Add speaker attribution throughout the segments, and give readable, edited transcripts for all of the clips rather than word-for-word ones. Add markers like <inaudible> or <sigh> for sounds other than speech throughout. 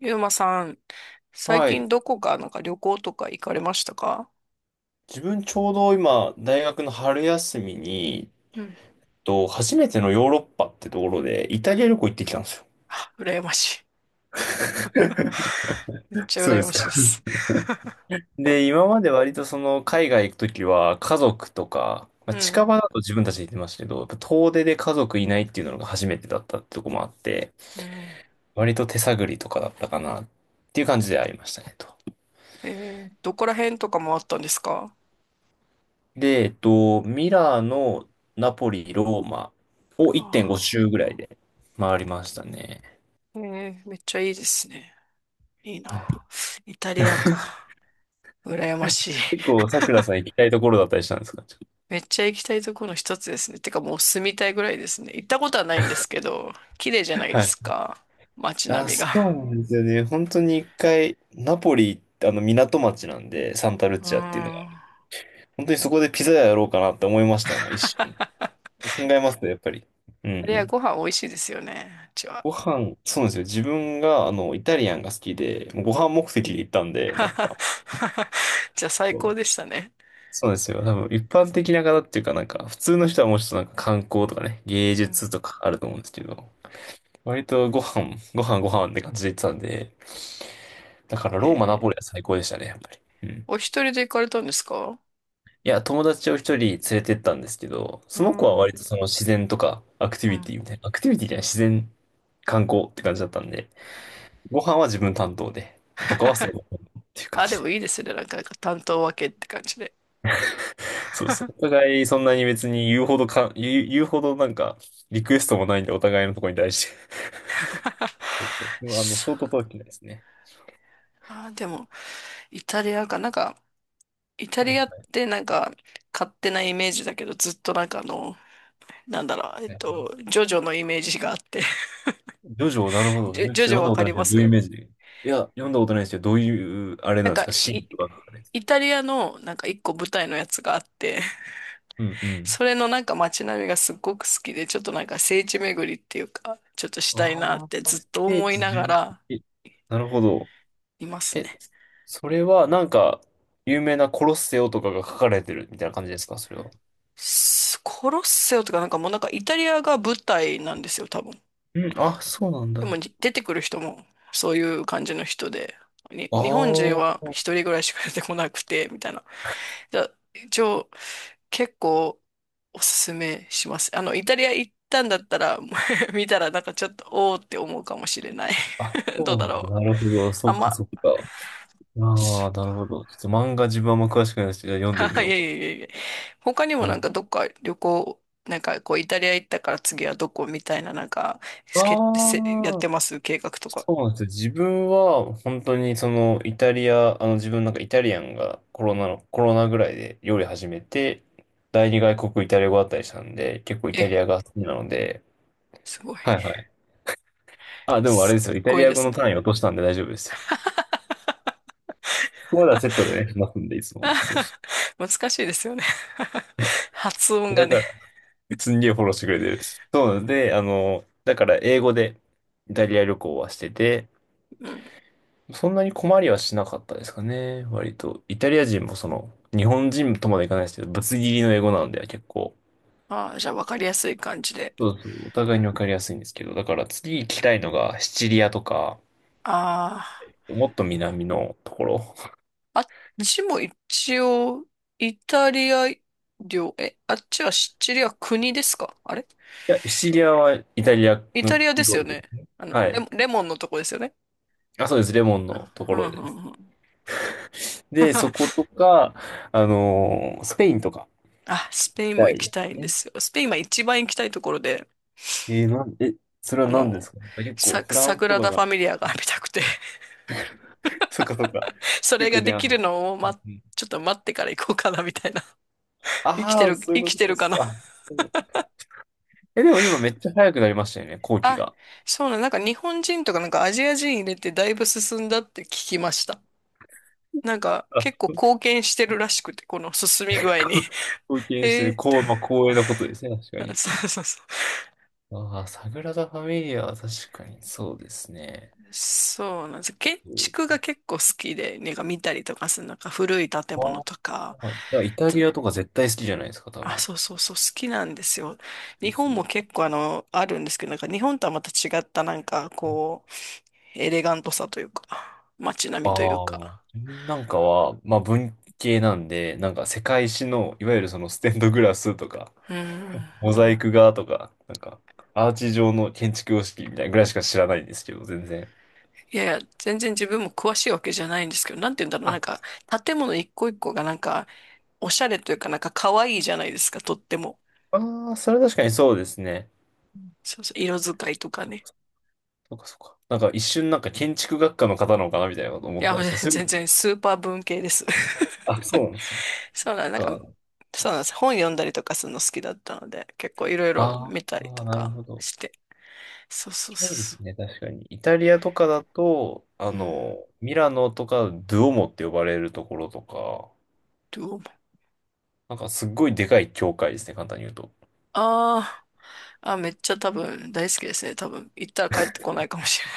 Speaker 1: ゆうまさん、最
Speaker 2: は
Speaker 1: 近
Speaker 2: い。
Speaker 1: どこかなんか旅行とか行かれましたか？
Speaker 2: 自分ちょうど今、大学の春休みに、
Speaker 1: うん。
Speaker 2: 初めてのヨーロッパってところで、イタリア旅行行ってきたんですよ。
Speaker 1: 羨ましい。<laughs> めっちゃ
Speaker 2: そうで
Speaker 1: 羨ま
Speaker 2: す
Speaker 1: しい
Speaker 2: か。
Speaker 1: です。
Speaker 2: で、今まで割とその、海外行くときは、家族とか、
Speaker 1: <laughs>
Speaker 2: まあ、
Speaker 1: う
Speaker 2: 近場
Speaker 1: ん。
Speaker 2: だと自分たちで行ってましたけど、やっぱ遠出で家族いないっていうのが初めてだったってとこもあって、
Speaker 1: うん。
Speaker 2: 割と手探りとかだったかなっていう感じでありましたね。
Speaker 1: えどこら辺とかもあったんですか？
Speaker 2: で、ミラーのナポリ、ローマを
Speaker 1: あ、
Speaker 2: 1.5周ぐらいで回りましたね。
Speaker 1: めっちゃいいですね。いい
Speaker 2: は
Speaker 1: な。
Speaker 2: い。
Speaker 1: イタリアか。羨ましい。
Speaker 2: 結構、さくら
Speaker 1: <laughs>
Speaker 2: さん行きたいところだったりしたんですか？
Speaker 1: めっちゃ行きたいところの一つですね。てかもう住みたいぐらいですね。行ったことはないんですけど、綺麗じゃないで
Speaker 2: は
Speaker 1: す
Speaker 2: い。
Speaker 1: か。街
Speaker 2: あ、
Speaker 1: 並み
Speaker 2: そう
Speaker 1: が。
Speaker 2: なんですよね。本当に一回、ナポリってあの港町なんで、サンタルッ
Speaker 1: うー
Speaker 2: チアっていうのが、
Speaker 1: ん。
Speaker 2: 本当にそこでピザ屋やろうかなって思いましたもん、一瞬。
Speaker 1: <laughs> イ
Speaker 2: 考えますね、やっぱり。うんう
Speaker 1: タリア
Speaker 2: ん。
Speaker 1: ご飯美味しいですよね。うちは。
Speaker 2: ご飯、そうなんですよ。自分が、あの、イタリアンが好きで、もうご飯目的で行ったん
Speaker 1: <laughs>
Speaker 2: で、なんか、
Speaker 1: じゃあ最
Speaker 2: そう
Speaker 1: 高でしたね。
Speaker 2: そうなんですよ。多分、一般的な方っていうか、なんか、普通の人はもうちょっとなんか観光とかね、芸
Speaker 1: うん、
Speaker 2: 術とかあると思うんですけど、割とご飯、ご飯ご飯って感じで行ってたんで、だから
Speaker 1: え
Speaker 2: ローマ、ナポ
Speaker 1: ー、
Speaker 2: リは最高でしたね、やっぱり。うん。
Speaker 1: お一人で行かれたんですか？
Speaker 2: いや、友達を一人連れてったんですけど、
Speaker 1: う
Speaker 2: その子は
Speaker 1: ん、う
Speaker 2: 割とその自然とかアクティビ
Speaker 1: ん。
Speaker 2: ティみたいな、アクティビティじゃない、自然観光って感じだったんで、ご飯は自分担当で、他はそのっていう感
Speaker 1: あ、で
Speaker 2: じ
Speaker 1: も
Speaker 2: で。
Speaker 1: いいですね。なんか、なんか担当分けって感じで。
Speaker 2: そうそう。お互いそんなに別に言うほどか、言うほどなんかリクエストもないんで、お互いのところに対して。そうそ
Speaker 1: <laughs>
Speaker 2: う。あの、
Speaker 1: そ
Speaker 2: ショー
Speaker 1: う、
Speaker 2: トトークですね。
Speaker 1: あ、でも、イタリアか。なんか、イタ
Speaker 2: はい
Speaker 1: リアっ
Speaker 2: は
Speaker 1: てなんか、勝手なイメージだけど、ずっとなんかあの、なんだろう、
Speaker 2: いはい。
Speaker 1: ジョジョのイメージがあって。
Speaker 2: ジョジョ、なるほ
Speaker 1: <laughs>
Speaker 2: ど。
Speaker 1: ジ
Speaker 2: ち
Speaker 1: ョ、
Speaker 2: ょっと
Speaker 1: ジョジョ
Speaker 2: 読んだ
Speaker 1: わ
Speaker 2: こ
Speaker 1: か
Speaker 2: とな
Speaker 1: り
Speaker 2: いけ
Speaker 1: ま
Speaker 2: ど、どういうイ
Speaker 1: す？
Speaker 2: メージで？いや、読んだことないですけど、どういう、あれ
Speaker 1: な
Speaker 2: なん
Speaker 1: ん
Speaker 2: で
Speaker 1: か、
Speaker 2: すか、シー
Speaker 1: い、
Speaker 2: ンとか。
Speaker 1: イタリアのなんか一個舞台のやつがあって、
Speaker 2: うんう
Speaker 1: <laughs>
Speaker 2: ん。
Speaker 1: それのなんか街並みがすっごく好きで、ちょっとなんか聖地巡りっていうか、ちょっとしたいなっ
Speaker 2: あ
Speaker 1: てず
Speaker 2: あ、
Speaker 1: っ
Speaker 2: ス
Speaker 1: と
Speaker 2: テー
Speaker 1: 思い
Speaker 2: ジ
Speaker 1: なが
Speaker 2: 順。
Speaker 1: ら
Speaker 2: なるほど。
Speaker 1: います
Speaker 2: え、
Speaker 1: ね。
Speaker 2: それはなんか、有名なコロッセオとかが書かれてるみたいな感じですか、それは。
Speaker 1: スコロッセオとかなんかもうなんかイタリアが舞台なんですよ、多分。
Speaker 2: うん、あ、そうなんだ。
Speaker 1: で
Speaker 2: あ
Speaker 1: もじ出てくる人もそういう感じの人で、日本人は
Speaker 2: ー、
Speaker 1: 一人ぐらいしか出てこなくて、みたいな。じゃあ、一応、結構おすすめします。あの、イタリア行ったんだったら、もう <laughs> 見たらなんかちょっと、おーって思うかもしれない。
Speaker 2: あ、
Speaker 1: <laughs> どう
Speaker 2: そう
Speaker 1: だ
Speaker 2: なんだ。
Speaker 1: ろ
Speaker 2: な
Speaker 1: う。
Speaker 2: るほど。そ
Speaker 1: あ
Speaker 2: っ
Speaker 1: ん
Speaker 2: か
Speaker 1: ま、
Speaker 2: そっか。あ
Speaker 1: そ
Speaker 2: あ、なるほ
Speaker 1: う
Speaker 2: ど。ちょっと漫画自分はあんま詳しくないですけど、読んでみ
Speaker 1: か。 <laughs> い
Speaker 2: よ
Speaker 1: やい
Speaker 2: うか。
Speaker 1: やいやいや。他にも
Speaker 2: な
Speaker 1: なん
Speaker 2: る
Speaker 1: かどっか旅行、なんかこうイタリア行ったから次はどこみたいななんか、
Speaker 2: ほ
Speaker 1: せやっ
Speaker 2: ど。ああ。
Speaker 1: てます計画とか。
Speaker 2: そうなんですよ。自分は本当にそのイタリア、あの自分なんかイタリアンがコロナの、コロナぐらいで料理始めて、第二外国イタリア語だったりしたんで、結構イ
Speaker 1: え、
Speaker 2: タリアが好きなので、
Speaker 1: すごい。
Speaker 2: はいはい。あ、でもあれ
Speaker 1: す
Speaker 2: で
Speaker 1: っ
Speaker 2: すよ。イタ
Speaker 1: ご
Speaker 2: リ
Speaker 1: い
Speaker 2: ア
Speaker 1: で
Speaker 2: 語
Speaker 1: す
Speaker 2: の
Speaker 1: ね。
Speaker 2: 単位落としたんで大丈夫ですよ。ここまではセットでね、話すんでいつも。そうそ
Speaker 1: <laughs> 難しいですよね。 <laughs> 発音
Speaker 2: う。
Speaker 1: が
Speaker 2: だか
Speaker 1: ね。
Speaker 2: ら、すんげえフォローしてくれてる。そうなんで、あの、だから英語でイタリア旅行はしてて、
Speaker 1: うん。
Speaker 2: そんなに困りはしなかったですかね。割と。イタリア人もその、日本人とまでいかないですけど、ぶつ切りの英語なんで結構、
Speaker 1: ああ、じゃあ分かりやすい感じで。
Speaker 2: そうそう、お互いにわかりやすいんですけど、だから次行きたいのがシチリアとか、
Speaker 1: あ
Speaker 2: もっと南のところ。
Speaker 1: あ、あっ
Speaker 2: うん。
Speaker 1: ちも一応、イタリア領、あっちはシチリア国ですかあれ？
Speaker 2: いや、シチリアはイタリア
Speaker 1: イタ
Speaker 2: の
Speaker 1: リアです
Speaker 2: 領
Speaker 1: よ
Speaker 2: 土。
Speaker 1: ね。あの、
Speaker 2: は
Speaker 1: レモ
Speaker 2: い。
Speaker 1: ン、レモンのとこですよね。
Speaker 2: あ、そうです。レモンのとこ
Speaker 1: うん、う
Speaker 2: ろ
Speaker 1: ん、う
Speaker 2: です。
Speaker 1: んうん。
Speaker 2: で、そこ
Speaker 1: <laughs>。
Speaker 2: とか、スペインとか
Speaker 1: あ、
Speaker 2: 行
Speaker 1: スペイ
Speaker 2: き
Speaker 1: ンも
Speaker 2: た
Speaker 1: 行
Speaker 2: い
Speaker 1: き
Speaker 2: で
Speaker 1: たい
Speaker 2: す
Speaker 1: んで
Speaker 2: ね。
Speaker 1: すよ。スペインは一番行きたいところで、
Speaker 2: えーなん、え、それは
Speaker 1: あ
Speaker 2: 何で
Speaker 1: の、
Speaker 2: すか？結構、
Speaker 1: サ、
Speaker 2: フラ
Speaker 1: サ
Speaker 2: ン
Speaker 1: グ
Speaker 2: スと
Speaker 1: ラ
Speaker 2: か
Speaker 1: ダ・フ
Speaker 2: が、
Speaker 1: ァミリアが見たくて、
Speaker 2: <laughs> そっかそっか。
Speaker 1: <laughs> そ
Speaker 2: よ
Speaker 1: れ
Speaker 2: く
Speaker 1: が
Speaker 2: ね、
Speaker 1: できるのを、
Speaker 2: う
Speaker 1: ま、
Speaker 2: んうん。
Speaker 1: ちょっと待ってから行こうかな、みたいな。<laughs> 生きて
Speaker 2: ああ、
Speaker 1: る、
Speaker 2: そうい
Speaker 1: 生
Speaker 2: う
Speaker 1: き
Speaker 2: こ
Speaker 1: て
Speaker 2: とで
Speaker 1: るか
Speaker 2: す
Speaker 1: な。
Speaker 2: か。でもでも今めっちゃ早くなりましたよね、後
Speaker 1: <laughs>
Speaker 2: 期
Speaker 1: あ、
Speaker 2: が。
Speaker 1: そうなの、なんか日本人とかなんかアジア人入れてだいぶ進んだって聞きました。なんか
Speaker 2: <laughs> あ、
Speaker 1: 結構貢献してるらしくて、この進み具合に。<laughs>
Speaker 2: 貢献
Speaker 1: へ
Speaker 2: してる、
Speaker 1: え。
Speaker 2: こう、まあ、光栄なことですね、確か
Speaker 1: <laughs>
Speaker 2: に。
Speaker 1: そうそうそう。
Speaker 2: ああ、サグラダ・ファミリアは確かにそうですね。
Speaker 1: そうなんです。建
Speaker 2: そう。
Speaker 1: 築が結構好きで、なんか見たりとかする、なんか古い建物
Speaker 2: あ
Speaker 1: とか、
Speaker 2: あ、いや、イタ
Speaker 1: つ
Speaker 2: リアとか絶対好きじゃないですか、多
Speaker 1: あ、
Speaker 2: 分。
Speaker 1: そうそうそう、好きなんですよ。
Speaker 2: そ
Speaker 1: 日
Speaker 2: うそ
Speaker 1: 本も
Speaker 2: う。
Speaker 1: 結構あの、あるんですけど、なんか日本とはまた違った、なんかこう、エレガントさというか、街並みという
Speaker 2: ああ、
Speaker 1: か。
Speaker 2: 自分なんかは、まあ文系なんで、なんか世界史の、いわゆるそのステンドグラスとか、
Speaker 1: うん。
Speaker 2: モザイク画とか、なんか、アーチ状の建築様式みたいなぐらいしか知らないんですけど、全然。
Speaker 1: いやいや、全然自分も詳しいわけじゃないんですけど、なんて言うんだろう、なん
Speaker 2: あ、
Speaker 1: か、建物一個一個がなんか、おしゃれというか、なんか可愛いじゃないですか、とっても。
Speaker 2: ああ、それ確かにそうですね。
Speaker 1: そうそう、色使いとかね。
Speaker 2: そっかそっか。なんか一瞬なんか建築学科の方なのかなみたいなこと思
Speaker 1: い
Speaker 2: っ
Speaker 1: や、<laughs>
Speaker 2: たん
Speaker 1: もう
Speaker 2: ですよ。そうい
Speaker 1: 全
Speaker 2: う、
Speaker 1: 然スーパー文系です。
Speaker 2: あ、そうなんですね。
Speaker 1: <laughs> そうなん、なんか、
Speaker 2: か。
Speaker 1: そうなんです。本読んだりとかするの好きだったので、結構いろいろ
Speaker 2: あ
Speaker 1: 見たりと
Speaker 2: あ、なる
Speaker 1: か
Speaker 2: ほど。
Speaker 1: して。そう
Speaker 2: そ
Speaker 1: そう
Speaker 2: れはいいで
Speaker 1: そ
Speaker 2: すね、確かに。イタリアとかだと、
Speaker 1: う
Speaker 2: あ
Speaker 1: そう。うん。
Speaker 2: の、ミラノとか、ドゥオモって呼ばれるところとか、
Speaker 1: どうも。
Speaker 2: なんかすっごいでかい教会ですね、簡単に言うと。
Speaker 1: ああ。あ、めっちゃ多分大好きですね。多分行ったら帰ってこないかもしれない。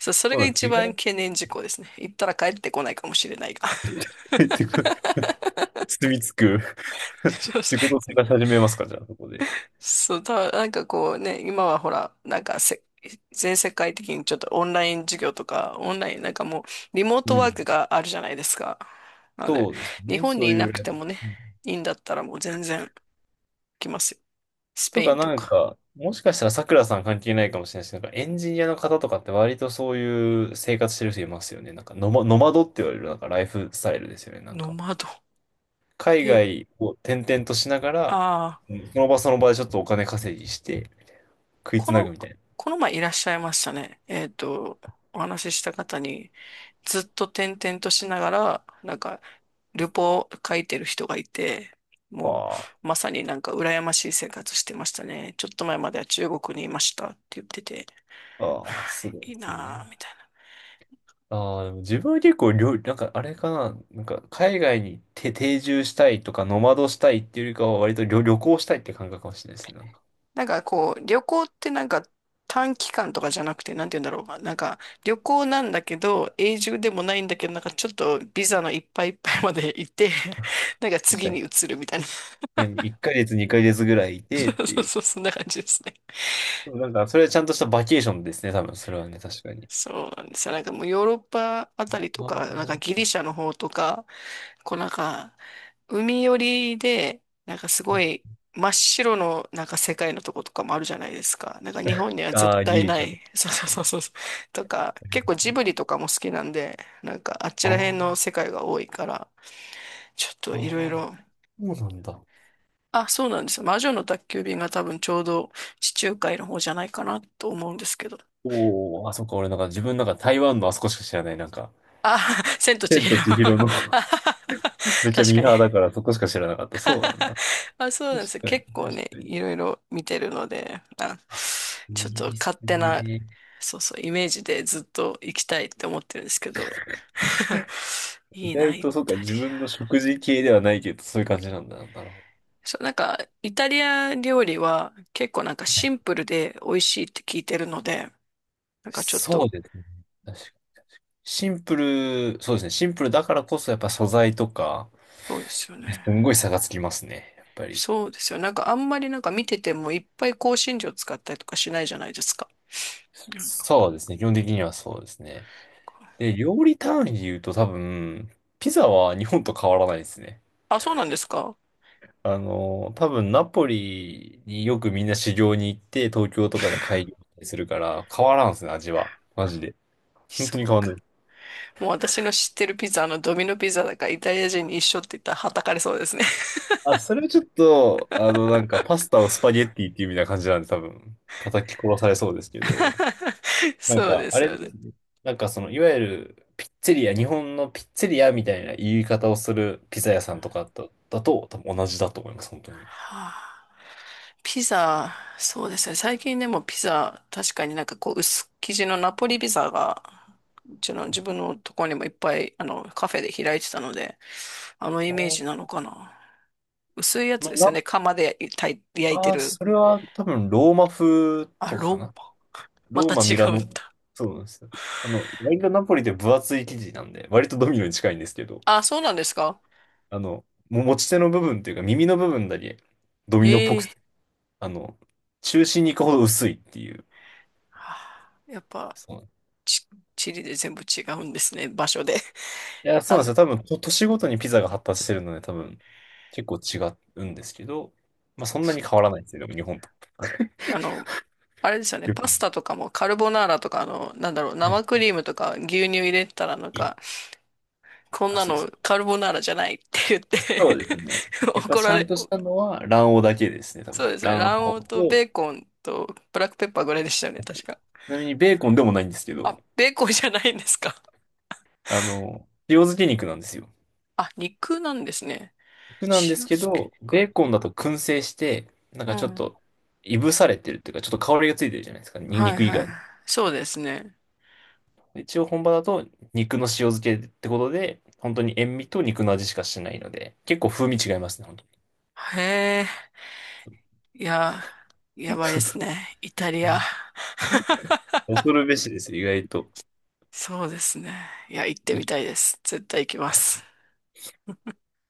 Speaker 1: <laughs> そう、それが
Speaker 2: そうです。
Speaker 1: 一
Speaker 2: 意
Speaker 1: 番
Speaker 2: 外
Speaker 1: 懸念事項ですね。行ったら帰ってこないかもしれないが。
Speaker 2: に
Speaker 1: <laughs>
Speaker 2: <laughs> 住み着く。 <laughs>
Speaker 1: そうそ
Speaker 2: 仕事
Speaker 1: う、
Speaker 2: 探し始めますか、じゃあ、そこで。
Speaker 1: そうたなんかこうね、今はほら、なんかせ、全世界的にちょっとオンライン授業とか、オンライン、なんかもう、リモー
Speaker 2: う
Speaker 1: トワー
Speaker 2: ん。
Speaker 1: クがあるじゃないですか。なので、
Speaker 2: そうです
Speaker 1: 日
Speaker 2: ね、
Speaker 1: 本
Speaker 2: そ
Speaker 1: に
Speaker 2: う
Speaker 1: い
Speaker 2: い
Speaker 1: なくて
Speaker 2: う。
Speaker 1: もね、
Speaker 2: うん。
Speaker 1: いいんだったらもう全然来ますよ。ス
Speaker 2: と
Speaker 1: ペイ
Speaker 2: か、
Speaker 1: ンと
Speaker 2: なん
Speaker 1: か。
Speaker 2: か、もしかしたらさくらさん関係ないかもしれないし、なんかエンジニアの方とかって割とそういう生活してる人いますよね。なんかノマ、ノマドって言われるなんかライフスタイルですよね。なん
Speaker 1: ノ
Speaker 2: か、
Speaker 1: マド。
Speaker 2: 海
Speaker 1: へえ。
Speaker 2: 外を転々としながら、
Speaker 1: ああ、
Speaker 2: うん。その場その場でちょっとお金稼ぎして食いつ
Speaker 1: こ
Speaker 2: なぐ
Speaker 1: の、
Speaker 2: みたいな。
Speaker 1: この前いらっしゃいましたね。お話しした方に、ずっと転々としながら、なんか、旅行を書いてる人がいて、も
Speaker 2: あ
Speaker 1: う、まさになんか羨ましい生活してましたね。ちょっと前までは中国にいましたって言ってて、
Speaker 2: あ、ああ、すご
Speaker 1: <sighs>
Speaker 2: い
Speaker 1: い
Speaker 2: で
Speaker 1: い
Speaker 2: す
Speaker 1: なぁ、
Speaker 2: ね。
Speaker 1: みたいな。
Speaker 2: ああ、でも自分は結構料理、なんかあれかな、なんか海外にて定住したいとか、ノマドしたいっていうよりかは割と旅行したいって感覚かもしれないですね。なんか
Speaker 1: なんかこう、旅行ってなんか短期間とかじゃなくて、なんて言うんだろう。なんか旅行なんだけど、永住でもないんだけど、なんかちょっとビザのいっぱいいっぱいまでいて、<laughs> なんか
Speaker 2: 確
Speaker 1: 次
Speaker 2: か
Speaker 1: に
Speaker 2: に。
Speaker 1: 移るみたいな。<laughs>
Speaker 2: 何1ヶ月、2ヶ月ぐらいいて
Speaker 1: そ
Speaker 2: っ
Speaker 1: う
Speaker 2: て
Speaker 1: そう
Speaker 2: いう。
Speaker 1: そう、そんな感じですね。
Speaker 2: でもなんか、それはちゃんとしたバケーションですね、多分、それはね、確かに。
Speaker 1: そうなんですよ。なんかもうヨーロッパあたりと
Speaker 2: あ
Speaker 1: か、なんか
Speaker 2: ー、
Speaker 1: ギリシャの方とか、こうなんか、海寄りで、なんかす
Speaker 2: は
Speaker 1: ご
Speaker 2: い。
Speaker 1: い真っ白のなんか世界のとことかもあるじゃないですか。なんか日本
Speaker 2: <laughs>
Speaker 1: には
Speaker 2: あ
Speaker 1: 絶
Speaker 2: あ、ギ
Speaker 1: 対
Speaker 2: リ
Speaker 1: な
Speaker 2: シャと
Speaker 1: い。
Speaker 2: か。
Speaker 1: <laughs> そうそうそ
Speaker 2: 確
Speaker 1: うそうそう。とか、
Speaker 2: か
Speaker 1: 結構ジ
Speaker 2: に。
Speaker 1: ブリとかも好きなんで、なんかあっち
Speaker 2: あ
Speaker 1: ら辺の
Speaker 2: ー、
Speaker 1: 世界が多いから、ちょっと
Speaker 2: あ
Speaker 1: いろい
Speaker 2: ー、
Speaker 1: ろ。
Speaker 2: そうなんだ。
Speaker 1: あ、そうなんですよ。魔女の宅急便が多分ちょうど地中海の方じゃないかなと思うんですけど。
Speaker 2: おお、あ、そっか、俺なんか自分なんか台湾のあそこしか知らない、なんか。
Speaker 1: あ、<laughs> 千と千
Speaker 2: 天
Speaker 1: 尋。
Speaker 2: と
Speaker 1: <laughs>
Speaker 2: 千尋の、 <laughs> めっちゃ
Speaker 1: 確
Speaker 2: ミ
Speaker 1: か
Speaker 2: ー
Speaker 1: に。
Speaker 2: ハーだからそこしか知らなかった。そうなん
Speaker 1: <laughs>
Speaker 2: だ。
Speaker 1: あ、そうなんで
Speaker 2: 確
Speaker 1: すよ。
Speaker 2: かに、
Speaker 1: 結構
Speaker 2: 確
Speaker 1: ね、
Speaker 2: かに。
Speaker 1: いろいろ見てるので、あ、
Speaker 2: あ、い
Speaker 1: ちょっ
Speaker 2: い
Speaker 1: と
Speaker 2: です
Speaker 1: 勝手な、
Speaker 2: ね。
Speaker 1: そうそう、イメージでずっと行きたいって思ってるんですけど。<laughs>
Speaker 2: 意
Speaker 1: いいな、
Speaker 2: 外
Speaker 1: イ
Speaker 2: と、そうか、
Speaker 1: タリ
Speaker 2: 自分の
Speaker 1: ア。
Speaker 2: 食事系ではないけど、そういう感じなんだな。なるほ
Speaker 1: そう、なんか、イタリア料理は結構なんか
Speaker 2: ど。
Speaker 1: シ
Speaker 2: ね。
Speaker 1: ンプルで美味しいって聞いてるので、なんかちょっ
Speaker 2: そう
Speaker 1: と、
Speaker 2: ですね。確かに。シンプル、そうですね。シンプルだからこそ、やっぱ素材とか、
Speaker 1: そうですよ
Speaker 2: ね。
Speaker 1: ね。
Speaker 2: すんごい差がつきますね。やっぱり。
Speaker 1: そうですよ。なんかあんまりなんか見ててもいっぱい香辛料使ったりとかしないじゃないですか。なんか、
Speaker 2: そうですね。基本的にはそうですね。で、料理単位で言うと多分、ピザは日本と変わらないですね。
Speaker 1: あ、そうなんですか？
Speaker 2: あの、多分ナポリによくみんな修行に行って、東京とかで会議するから、変わらんすね、味は。マジで。
Speaker 1: <laughs>
Speaker 2: 本
Speaker 1: そ
Speaker 2: 当に
Speaker 1: う
Speaker 2: 変わんな
Speaker 1: か。
Speaker 2: い。
Speaker 1: もう私の知ってるピザ、あのドミノピザだからイタリア人に一緒って言ったらはたかれそうですね。
Speaker 2: あ、それはちょっと、あの、なんか、パスタをスパゲッティっていうみたいな感じなんで、多分、叩き殺されそうですけど、
Speaker 1: <laughs>
Speaker 2: なん
Speaker 1: そう
Speaker 2: か、
Speaker 1: で
Speaker 2: あ
Speaker 1: す
Speaker 2: れで
Speaker 1: よ
Speaker 2: す
Speaker 1: ね。
Speaker 2: ね。なんか、その、いわゆる、ピッツェリア、日本のピッツェリアみたいな言い方をするピザ屋さんとかだと、多分同じだと思います、本当に。
Speaker 1: はあ、ピザ、そうですね。最近でもピザ、確かになんかこう薄生地のナポリピザが、うちの自分のところにもいっぱいあのカフェで開いてたので、あの
Speaker 2: あ
Speaker 1: イメージな
Speaker 2: ー、
Speaker 1: のかな。薄いやつ
Speaker 2: まあ、
Speaker 1: ですよ
Speaker 2: な、
Speaker 1: ね。釜で焼い焼いて
Speaker 2: あー、
Speaker 1: る。
Speaker 2: それは多分、ローマ風
Speaker 1: あ、
Speaker 2: とか
Speaker 1: ロ
Speaker 2: か
Speaker 1: ー
Speaker 2: な。
Speaker 1: マ。ま
Speaker 2: ロー
Speaker 1: た違
Speaker 2: マ、ミラ
Speaker 1: うん
Speaker 2: ノ、
Speaker 1: だ。
Speaker 2: そうなんですよ。あの、割とナポリって分厚い生地なんで、割とドミノに近いんですけど、
Speaker 1: あ、そうなんですか。
Speaker 2: あの、持ち手の部分というか耳の部分だけドミノっぽ
Speaker 1: へ
Speaker 2: く
Speaker 1: え。
Speaker 2: て、あの、中心に行くほど薄いっていう。
Speaker 1: はあ、やっぱ。
Speaker 2: そうなんい
Speaker 1: ち、チリで全部違うんですね、場所で。<laughs>
Speaker 2: や、そ
Speaker 1: あ
Speaker 2: うなん
Speaker 1: の、
Speaker 2: ですよ。多分、都市ごとにピザが発達してるので、多分、結構違うんですけど、まあ、そんなに変わらないですよ、でも日本と。<laughs>
Speaker 1: あの、あれですよね、
Speaker 2: よく。
Speaker 1: パスタとかもカルボナーラとか、あの、なんだろう、
Speaker 2: は
Speaker 1: 生クリームとか牛乳入れたらなん
Speaker 2: い。
Speaker 1: か、こん
Speaker 2: あ、
Speaker 1: な
Speaker 2: そうで
Speaker 1: の
Speaker 2: す。
Speaker 1: カルボナーラじゃないって言って。
Speaker 2: そうですね。
Speaker 1: <laughs>
Speaker 2: やっぱ
Speaker 1: 怒
Speaker 2: ち
Speaker 1: ら
Speaker 2: ゃん
Speaker 1: れ、
Speaker 2: としたのは卵黄だけですね、多
Speaker 1: そ
Speaker 2: 分。
Speaker 1: うですね、
Speaker 2: 卵
Speaker 1: 卵黄
Speaker 2: 黄
Speaker 1: とベ
Speaker 2: と、
Speaker 1: ーコンとブラックペッパーぐらいでしたよね、確か。
Speaker 2: ちなみにベーコンでもないんですけど、
Speaker 1: あ、ベーコンじゃないんですか。
Speaker 2: あの、塩漬け肉なんですよ。
Speaker 1: あ、肉なんですね。
Speaker 2: 肉なんです
Speaker 1: 塩
Speaker 2: け
Speaker 1: 漬け
Speaker 2: ど、
Speaker 1: 肉。
Speaker 2: ベーコンだと燻製して、なん
Speaker 1: う
Speaker 2: かちょっ
Speaker 1: ん。
Speaker 2: と、いぶされてるっていうか、ちょっと香りがついてるじゃないですか、
Speaker 1: はい
Speaker 2: 肉以
Speaker 1: はい。
Speaker 2: 外に。
Speaker 1: そうですね。
Speaker 2: で一応本場だと肉の塩漬けってことで、本当に塩味と肉の味しかしないので、結構風味違いますね、本当に。
Speaker 1: へえ。いや、やばいですね。イ
Speaker 2: う
Speaker 1: タリア。
Speaker 2: ん。
Speaker 1: <laughs>
Speaker 2: 恐るべしですよ、意外と。
Speaker 1: そうですね。いや、行って
Speaker 2: い
Speaker 1: みたいです。絶対行きます。